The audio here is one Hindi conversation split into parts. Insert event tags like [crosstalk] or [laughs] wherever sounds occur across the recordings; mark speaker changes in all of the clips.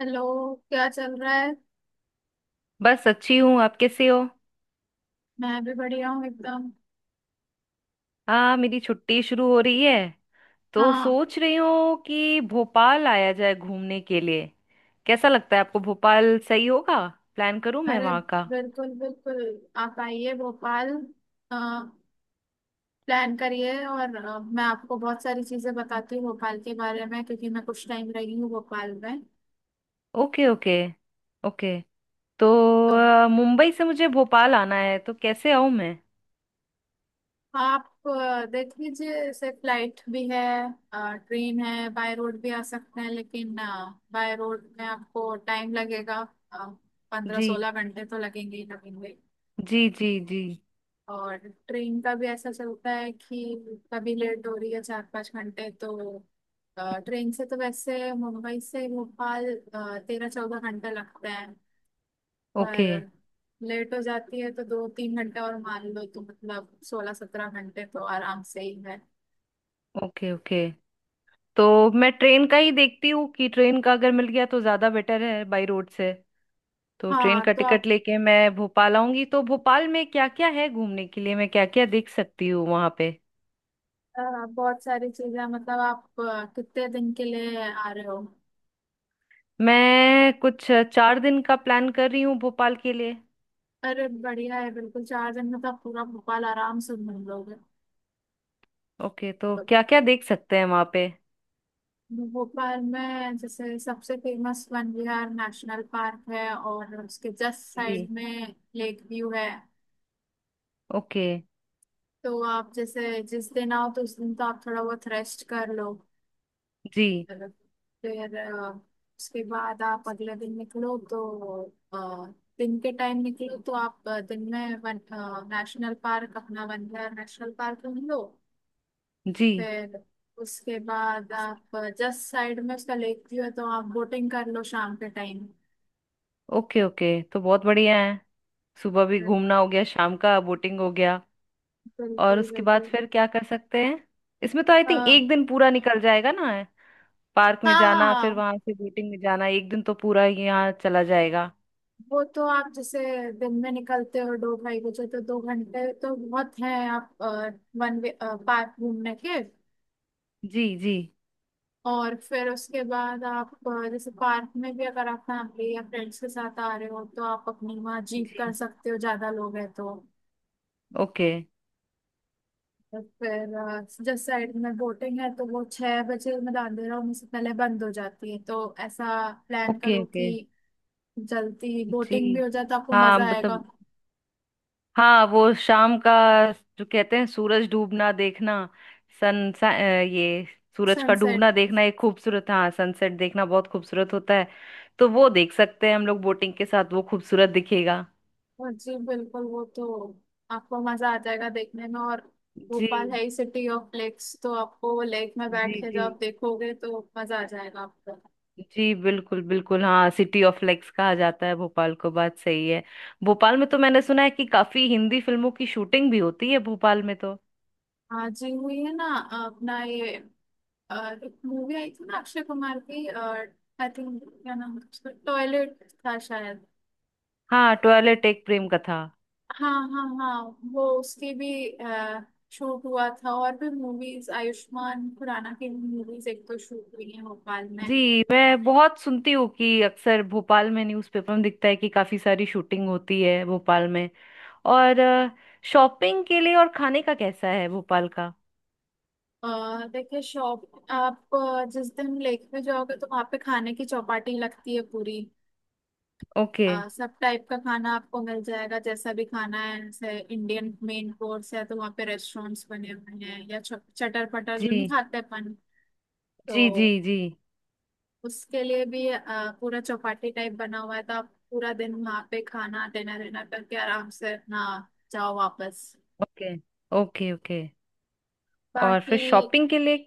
Speaker 1: हेलो। क्या चल रहा है।
Speaker 2: बस अच्छी हूँ। आप कैसे हो?
Speaker 1: मैं भी बढ़िया हूँ एकदम।
Speaker 2: हाँ, मेरी छुट्टी शुरू हो रही है तो
Speaker 1: हाँ।
Speaker 2: सोच रही हूँ कि भोपाल आया जाए घूमने के लिए। कैसा लगता है आपको, भोपाल सही होगा? प्लान करूँ मैं
Speaker 1: अरे
Speaker 2: वहाँ का?
Speaker 1: बिल्कुल बिल्कुल, आप आइए भोपाल, प्लान करिए और मैं आपको बहुत सारी चीजें बताती हूँ भोपाल के बारे में क्योंकि मैं कुछ टाइम रही हूँ भोपाल में।
Speaker 2: Okay okay. ओके। तो
Speaker 1: तो
Speaker 2: मुंबई से मुझे भोपाल आना है, तो कैसे आऊँ मैं?
Speaker 1: आप देख लीजिए, जैसे फ्लाइट भी है, ट्रेन है, बाय रोड भी आ सकते हैं लेकिन बाय रोड में आपको टाइम लगेगा। पंद्रह
Speaker 2: जी।
Speaker 1: सोलह घंटे तो लगेंगे ही लगेंगे।
Speaker 2: जी जी जी।
Speaker 1: और ट्रेन का भी ऐसा चलता है कि कभी लेट हो रही है 4-5 घंटे तो ट्रेन से तो वैसे मुंबई से भोपाल 13-14 घंटे लगते हैं। पर
Speaker 2: ओके
Speaker 1: लेट हो जाती है तो 2-3 घंटे और मान लो, तो मतलब 16-17 घंटे तो आराम से ही है।
Speaker 2: ओके। ओके। तो मैं ट्रेन का ही देखती हूँ कि ट्रेन का अगर मिल गया तो ज़्यादा बेटर है बाई रोड से। तो ट्रेन
Speaker 1: हाँ
Speaker 2: का
Speaker 1: तो आप
Speaker 2: टिकट लेके मैं भोपाल आऊंगी, तो भोपाल में क्या क्या है घूमने के लिए? मैं क्या क्या देख सकती हूँ वहां पे?
Speaker 1: अ, बहुत सारी चीजें, मतलब आप कितने दिन के लिए आ रहे हो।
Speaker 2: मैं कुछ 4 दिन का प्लान कर रही हूँ भोपाल के लिए।
Speaker 1: अरे बढ़िया है, बिल्कुल 4 दिन में तो आप पूरा भोपाल आराम से घूम लोगे।
Speaker 2: ओके, तो क्या क्या देख सकते हैं वहां पे?
Speaker 1: भोपाल में जैसे सबसे famous Van Vihar national park है और उसके जस्ट साइड
Speaker 2: जी।
Speaker 1: में लेक व्यू है।
Speaker 2: ओके।
Speaker 1: तो आप जैसे जिस दिन आओ तो उस दिन तो आप थोड़ा बहुत रेस्ट कर लो।
Speaker 2: जी
Speaker 1: फिर उसके बाद आप अगले दिन निकलो तो अ, दिन के टाइम निकलो तो आप दिन में वन नेशनल पार्क अपना वन विहार नेशनल पार्क घूम लो।
Speaker 2: जी।
Speaker 1: फिर उसके बाद आप जस्ट साइड में उसका लेक व्यू है तो आप बोटिंग कर लो शाम के टाइम।
Speaker 2: ओके ओके, तो बहुत बढ़िया है। सुबह भी घूमना हो गया, शाम का बोटिंग हो गया। और
Speaker 1: बिल्कुल
Speaker 2: उसके बाद
Speaker 1: बिल्कुल।
Speaker 2: फिर क्या कर सकते हैं? इसमें तो आई थिंक
Speaker 1: आ,
Speaker 2: एक दिन पूरा निकल जाएगा ना? पार्क में
Speaker 1: हाँ
Speaker 2: जाना, फिर
Speaker 1: हाँ,
Speaker 2: वहां से बोटिंग में जाना, एक दिन तो पूरा यहाँ चला जाएगा।
Speaker 1: वो तो आप जैसे दिन में निकलते हो 2-2:30 बजे, तो 2 घंटे तो बहुत हैं आप वन वे पार्क घूमने के।
Speaker 2: जी जी
Speaker 1: और फिर उसके बाद आप जैसे पार्क में भी अगर आप फैमिली या फ्रेंड्स के साथ आ रहे हो तो आप अपनी वहाँ जीप कर
Speaker 2: जी।
Speaker 1: सकते हो, ज्यादा लोग हैं तो।
Speaker 2: ओके
Speaker 1: और फिर जिस साइड में बोटिंग है तो वो 6 बजे मतलब अंधेरा होने से पहले बंद हो जाती है, तो ऐसा प्लान
Speaker 2: ओके।
Speaker 1: करो
Speaker 2: ओके।
Speaker 1: कि जल्दी बोटिंग भी
Speaker 2: जी,
Speaker 1: हो जाए तो आपको
Speaker 2: हाँ,
Speaker 1: मजा आएगा।
Speaker 2: मतलब, हाँ, वो शाम का जो कहते हैं सूरज डूबना देखना, सन सा, अ, ये सूरज का
Speaker 1: सनसेट।
Speaker 2: डूबना देखना एक खूबसूरत, हाँ, सनसेट देखना बहुत खूबसूरत होता है। तो वो देख सकते हैं हम लोग बोटिंग के साथ, वो खूबसूरत दिखेगा।
Speaker 1: हाँ जी बिल्कुल, वो तो आपको मजा आ जाएगा देखने में। और
Speaker 2: जी।
Speaker 1: भोपाल है ही सिटी ऑफ लेक्स, तो आपको वो लेक में बैठ
Speaker 2: जी
Speaker 1: के जब
Speaker 2: जी।
Speaker 1: आप देखोगे तो मजा आ जाएगा आपको।
Speaker 2: जी बिल्कुल बिल्कुल। हाँ, सिटी ऑफ लेक्स कहा जाता है भोपाल को, बात सही है। भोपाल में तो मैंने सुना है कि काफी हिंदी फिल्मों की शूटिंग भी होती है भोपाल में तो।
Speaker 1: हाँ जी हुई है ना। अपना ये अ, एक मूवी आई थी ना अक्षय कुमार की, आई थिंक क्या नाम था उसका, टॉयलेट था शायद।
Speaker 2: हाँ, टॉयलेट एक प्रेम कथा।
Speaker 1: हाँ हाँ हाँ। वो उसकी भी शूट हुआ था, और भी मूवीज, आयुष्मान खुराना की मूवीज एक तो शूट हुई है भोपाल में।
Speaker 2: जी, मैं बहुत सुनती हूँ कि अक्सर भोपाल में न्यूज़पेपर में दिखता है कि काफी सारी शूटिंग होती है भोपाल में। और शॉपिंग के लिए और खाने का कैसा है भोपाल का?
Speaker 1: देखिए शॉप, आप जिस दिन लेक में जाओगे तो वहाँ पे खाने की चौपाटी लगती है पूरी।
Speaker 2: ओके।
Speaker 1: सब टाइप का खाना आपको मिल जाएगा, जैसा भी खाना है, जैसे इंडियन मेन कोर्स है तो वहाँ पे रेस्टोरेंट्स बने हुए हैं, या चटर पटर जो नहीं
Speaker 2: जी
Speaker 1: खाते अपन
Speaker 2: जी जी।
Speaker 1: तो
Speaker 2: जी।
Speaker 1: उसके लिए भी पूरा चौपाटी टाइप बना हुआ है। तो आप पूरा दिन वहाँ पे खाना डिनर डिनर करके आराम से अपना जाओ वापस।
Speaker 2: Okay okay. ओके। और
Speaker 1: बाकी
Speaker 2: फिर शॉपिंग के लिए,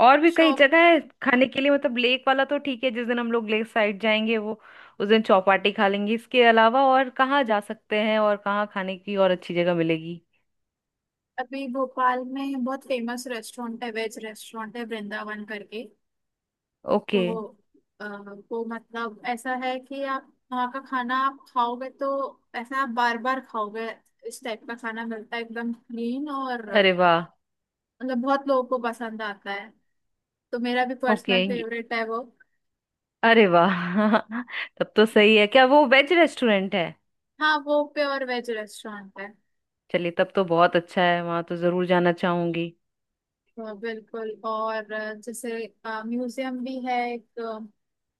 Speaker 2: और भी कई
Speaker 1: शॉप,
Speaker 2: जगह है खाने के लिए, मतलब लेक वाला तो ठीक है, जिस दिन हम लोग लेक साइड जाएंगे वो उस दिन चौपाटी खा लेंगे। इसके अलावा और कहाँ जा सकते हैं, और कहाँ खाने की और अच्छी जगह मिलेगी?
Speaker 1: अभी भोपाल में बहुत फेमस रेस्टोरेंट है, वेज रेस्टोरेंट है वृंदावन करके।
Speaker 2: ओके।
Speaker 1: तो अ, वो मतलब ऐसा है कि आप वहाँ का खाना आप खाओगे तो ऐसा आप बार बार खाओगे। इस टाइप का खाना मिलता है एकदम क्लीन और
Speaker 2: अरे वाह।
Speaker 1: मतलब बहुत लोगों को पसंद आता है, तो मेरा भी पर्सनल
Speaker 2: ओके
Speaker 1: फेवरेट है वो।
Speaker 2: अरे वाह। [laughs] तब तो सही है, क्या वो वेज रेस्टोरेंट है?
Speaker 1: हाँ वो प्योर वेज रेस्टोरेंट है।
Speaker 2: चलिए, तब तो बहुत अच्छा है, वहां तो जरूर जाना चाहूंगी।
Speaker 1: हाँ, बिल्कुल। और जैसे म्यूजियम भी है एक,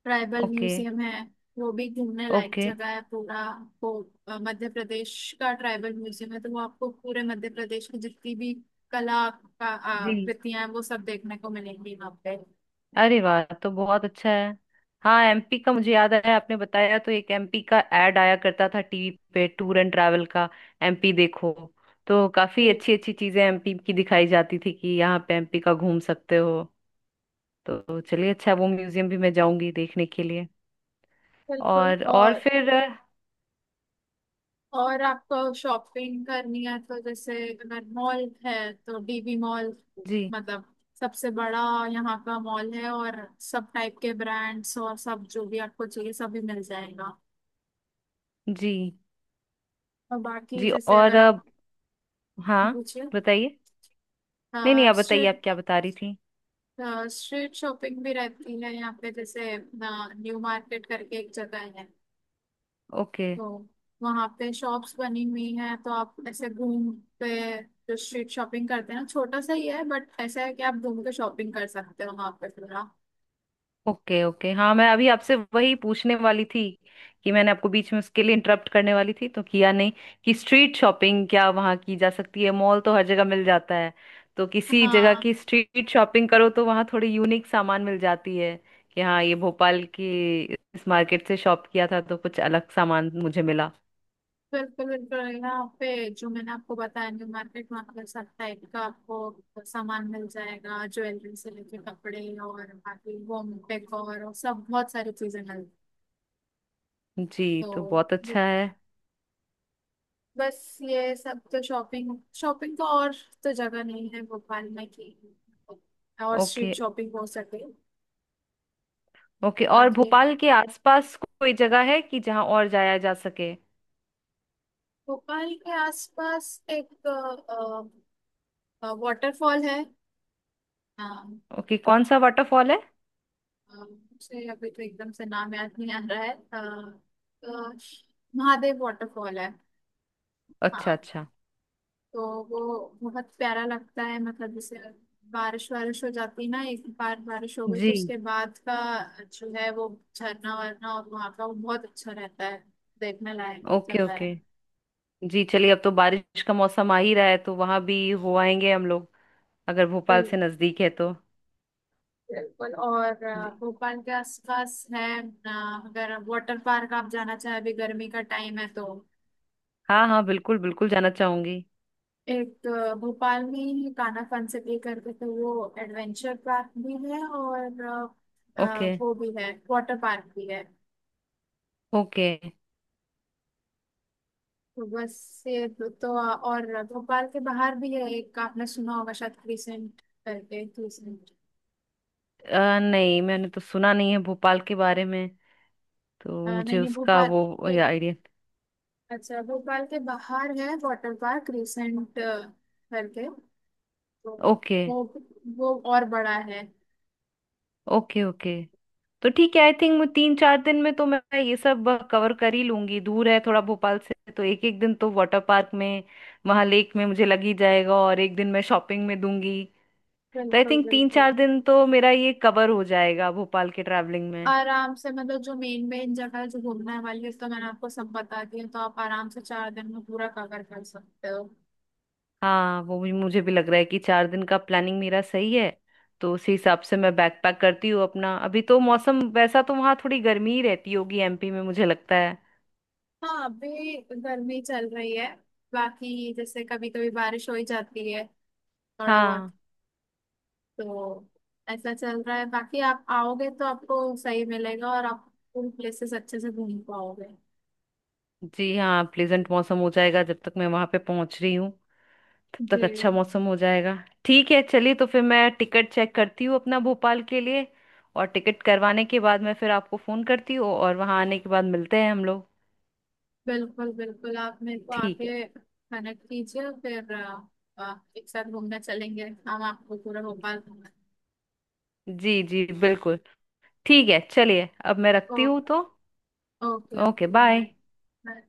Speaker 1: ट्राइबल
Speaker 2: ओके
Speaker 1: म्यूजियम है। वो भी घूमने लायक
Speaker 2: ओके।
Speaker 1: जगह है पूरा। वो मध्य प्रदेश का ट्राइबल म्यूजियम है, तो वो आपको पूरे मध्य प्रदेश की जितनी भी कला का
Speaker 2: जी,
Speaker 1: कृतियां हैं वो सब देखने को मिलेंगी वहाँ पे।
Speaker 2: अरे वाह, तो बहुत अच्छा है। हाँ, एमपी का मुझे याद आया, आपने बताया तो। एक एमपी का एड आया करता था टीवी पे, टूर एंड ट्रैवल का, एमपी देखो। तो काफी
Speaker 1: जी,
Speaker 2: अच्छी अच्छी चीजें एमपी की दिखाई जाती थी कि यहाँ पे एमपी का घूम सकते हो। तो चलिए अच्छा है, वो म्यूजियम भी मैं जाऊंगी देखने के लिए।
Speaker 1: बिल्कुल।
Speaker 2: और
Speaker 1: और
Speaker 2: फिर।
Speaker 1: आपको शॉपिंग करनी है तो जैसे अगर मॉल है तो डीवी मॉल,
Speaker 2: जी
Speaker 1: मतलब सबसे बड़ा यहाँ का मॉल है, और सब टाइप के ब्रांड्स और सब जो भी आपको चाहिए सभी मिल जाएगा।
Speaker 2: जी
Speaker 1: और बाकी
Speaker 2: जी।
Speaker 1: जैसे
Speaker 2: और
Speaker 1: अगर आप
Speaker 2: अब? हाँ,
Speaker 1: पूछिए,
Speaker 2: बताइए। नहीं नहीं, आप बताइए,
Speaker 1: स्ट्रीट
Speaker 2: आप क्या बता रही थी?
Speaker 1: स्ट्रीट शॉपिंग भी रहती है यहाँ पे, जैसे न्यू मार्केट करके एक जगह है।
Speaker 2: ओके
Speaker 1: तो वहां पे शॉप्स बनी हुई हैं, तो आप ऐसे घूम पे, जो स्ट्रीट शॉपिंग करते हैं ना, छोटा सा ही है बट ऐसा है कि आप घूम के शॉपिंग कर सकते हो वहां पे पूरा।
Speaker 2: ओके। ओके। हाँ, मैं अभी आपसे वही पूछने वाली थी, कि मैंने आपको बीच में उसके लिए इंटरप्ट करने वाली थी तो किया नहीं, कि स्ट्रीट शॉपिंग क्या वहाँ की जा सकती है? मॉल तो हर जगह मिल जाता है, तो किसी जगह
Speaker 1: हाँ
Speaker 2: की स्ट्रीट शॉपिंग करो तो वहाँ थोड़ी यूनिक सामान मिल जाती है कि हाँ, ये भोपाल की इस मार्केट से शॉप किया था तो कुछ अलग सामान मुझे मिला।
Speaker 1: बिल्कुल बिल्कुल, यहाँ पे जो मैंने आपको बताया न्यू मार्केट, वहाँ पे सब टाइप का आपको सामान मिल जाएगा, ज्वेलरी से लेके कपड़े और बाकी होम डेकोर और सब बहुत सारी चीजें मिल।
Speaker 2: जी,
Speaker 1: तो
Speaker 2: तो बहुत अच्छा है।
Speaker 1: बस ये सब तो, शॉपिंग शॉपिंग तो और तो जगह नहीं है भोपाल में कि और
Speaker 2: ओके।
Speaker 1: स्ट्रीट शॉपिंग हो सके।
Speaker 2: ओके, और
Speaker 1: बाकी
Speaker 2: भोपाल के आसपास कोई जगह है कि जहाँ और जाया जा सके?
Speaker 1: भोपाल के आसपास एक वाटरफॉल है। हाँ,
Speaker 2: ओके, कौन सा वाटरफॉल है?
Speaker 1: मुझे अभी तो एकदम से नाम याद नहीं आ रहा है, अ, महादेव वाटरफॉल है।
Speaker 2: अच्छा
Speaker 1: हाँ।
Speaker 2: अच्छा।
Speaker 1: तो वो बहुत प्यारा लगता है, मतलब जैसे बारिश वारिश हो जाती है ना, एक बार बारिश हो गई तो
Speaker 2: जी।
Speaker 1: उसके बाद का जो है वो झरना वरना और वहाँ का वो बहुत अच्छा रहता है। देखने लायक
Speaker 2: ओके
Speaker 1: जगह
Speaker 2: ओके।
Speaker 1: है।
Speaker 2: जी, चलिए, अब तो बारिश का मौसम आ ही रहा है तो वहां भी हो आएंगे हम लोग, अगर भोपाल से
Speaker 1: बिल्कुल
Speaker 2: नजदीक है तो।
Speaker 1: बिल्कुल। और
Speaker 2: जी।
Speaker 1: भोपाल के आसपास है, अगर वाटर पार्क आप जाना चाहे अभी गर्मी का टाइम है तो
Speaker 2: हाँ हाँ बिल्कुल बिल्कुल, जाना चाहूंगी।
Speaker 1: एक भोपाल में ही कान्हा फनसिटी करके, तो वो एडवेंचर पार्क भी है और
Speaker 2: ओके
Speaker 1: वो भी है, वाटर पार्क भी है।
Speaker 2: ओके।
Speaker 1: बस ये और भोपाल के बाहर भी है एक, आपने सुना होगा शायद क्रिसेंट करके, क्रिसेंट।
Speaker 2: नहीं, मैंने तो सुना नहीं है भोपाल के बारे में, तो
Speaker 1: नहीं
Speaker 2: मुझे
Speaker 1: नहीं
Speaker 2: उसका
Speaker 1: भोपाल
Speaker 2: वो
Speaker 1: के,
Speaker 2: आइडिया।
Speaker 1: अच्छा भोपाल के बाहर है वाटर पार्क क्रिसेंट करके। तो
Speaker 2: ओके।
Speaker 1: वो और बड़ा है।
Speaker 2: Okay okay. तो ठीक है, आई थिंक 3-4 दिन में तो मैं ये सब कवर कर ही लूंगी। दूर है थोड़ा भोपाल से, तो एक एक दिन तो वाटर पार्क में, वहां लेक में मुझे लग ही जाएगा, और एक दिन मैं शॉपिंग में दूंगी। तो आई
Speaker 1: बिल्कुल
Speaker 2: थिंक तीन
Speaker 1: बिल्कुल।
Speaker 2: चार दिन तो मेरा ये कवर हो जाएगा भोपाल के ट्रैवलिंग में।
Speaker 1: आराम से, मतलब जो मेन मेन जगह है जो घूमने वाली है तो मैंने आपको सब बता दिया, तो आप आराम से 4 दिन में पूरा कवर कर सकते हो।
Speaker 2: हाँ, वो भी मुझे भी लग रहा है कि 4 दिन का प्लानिंग मेरा सही है। तो उसी हिसाब से मैं बैकपैक करती हूँ अपना। अभी तो मौसम वैसा, तो वहाँ थोड़ी गर्मी ही रहती होगी एमपी में, मुझे लगता है।
Speaker 1: हाँ अभी गर्मी चल रही है, बाकी जैसे कभी कभी बारिश हो ही जाती है थोड़ा बहुत।
Speaker 2: हाँ।
Speaker 1: तो ऐसा चल रहा है। बाकी आप आओगे तो आपको सही मिलेगा और आप उन प्लेसेस अच्छे से घूम पाओगे।
Speaker 2: जी, हाँ, प्लेजेंट मौसम हो जाएगा, जब तक मैं वहां पे पहुंच रही हूँ तब तक अच्छा
Speaker 1: जी।
Speaker 2: मौसम हो जाएगा। ठीक है, चलिए, तो फिर मैं टिकट चेक करती हूँ अपना भोपाल के लिए, और टिकट करवाने के बाद मैं फिर आपको फोन करती हूँ, और वहां आने के बाद मिलते हैं हम लोग।
Speaker 1: बिल्कुल बिल्कुल, आप मेरे को
Speaker 2: ठीक है।
Speaker 1: आके कनेक्ट कीजिए फिर एक साथ घूमने चलेंगे, हम आपको पूरा भोपाल घुमाएं।
Speaker 2: जी जी बिल्कुल। ठीक है, चलिए, अब मैं
Speaker 1: ओ
Speaker 2: रखती हूँ तो।
Speaker 1: Okay
Speaker 2: okay,
Speaker 1: okay.
Speaker 2: Bye.
Speaker 1: Bye.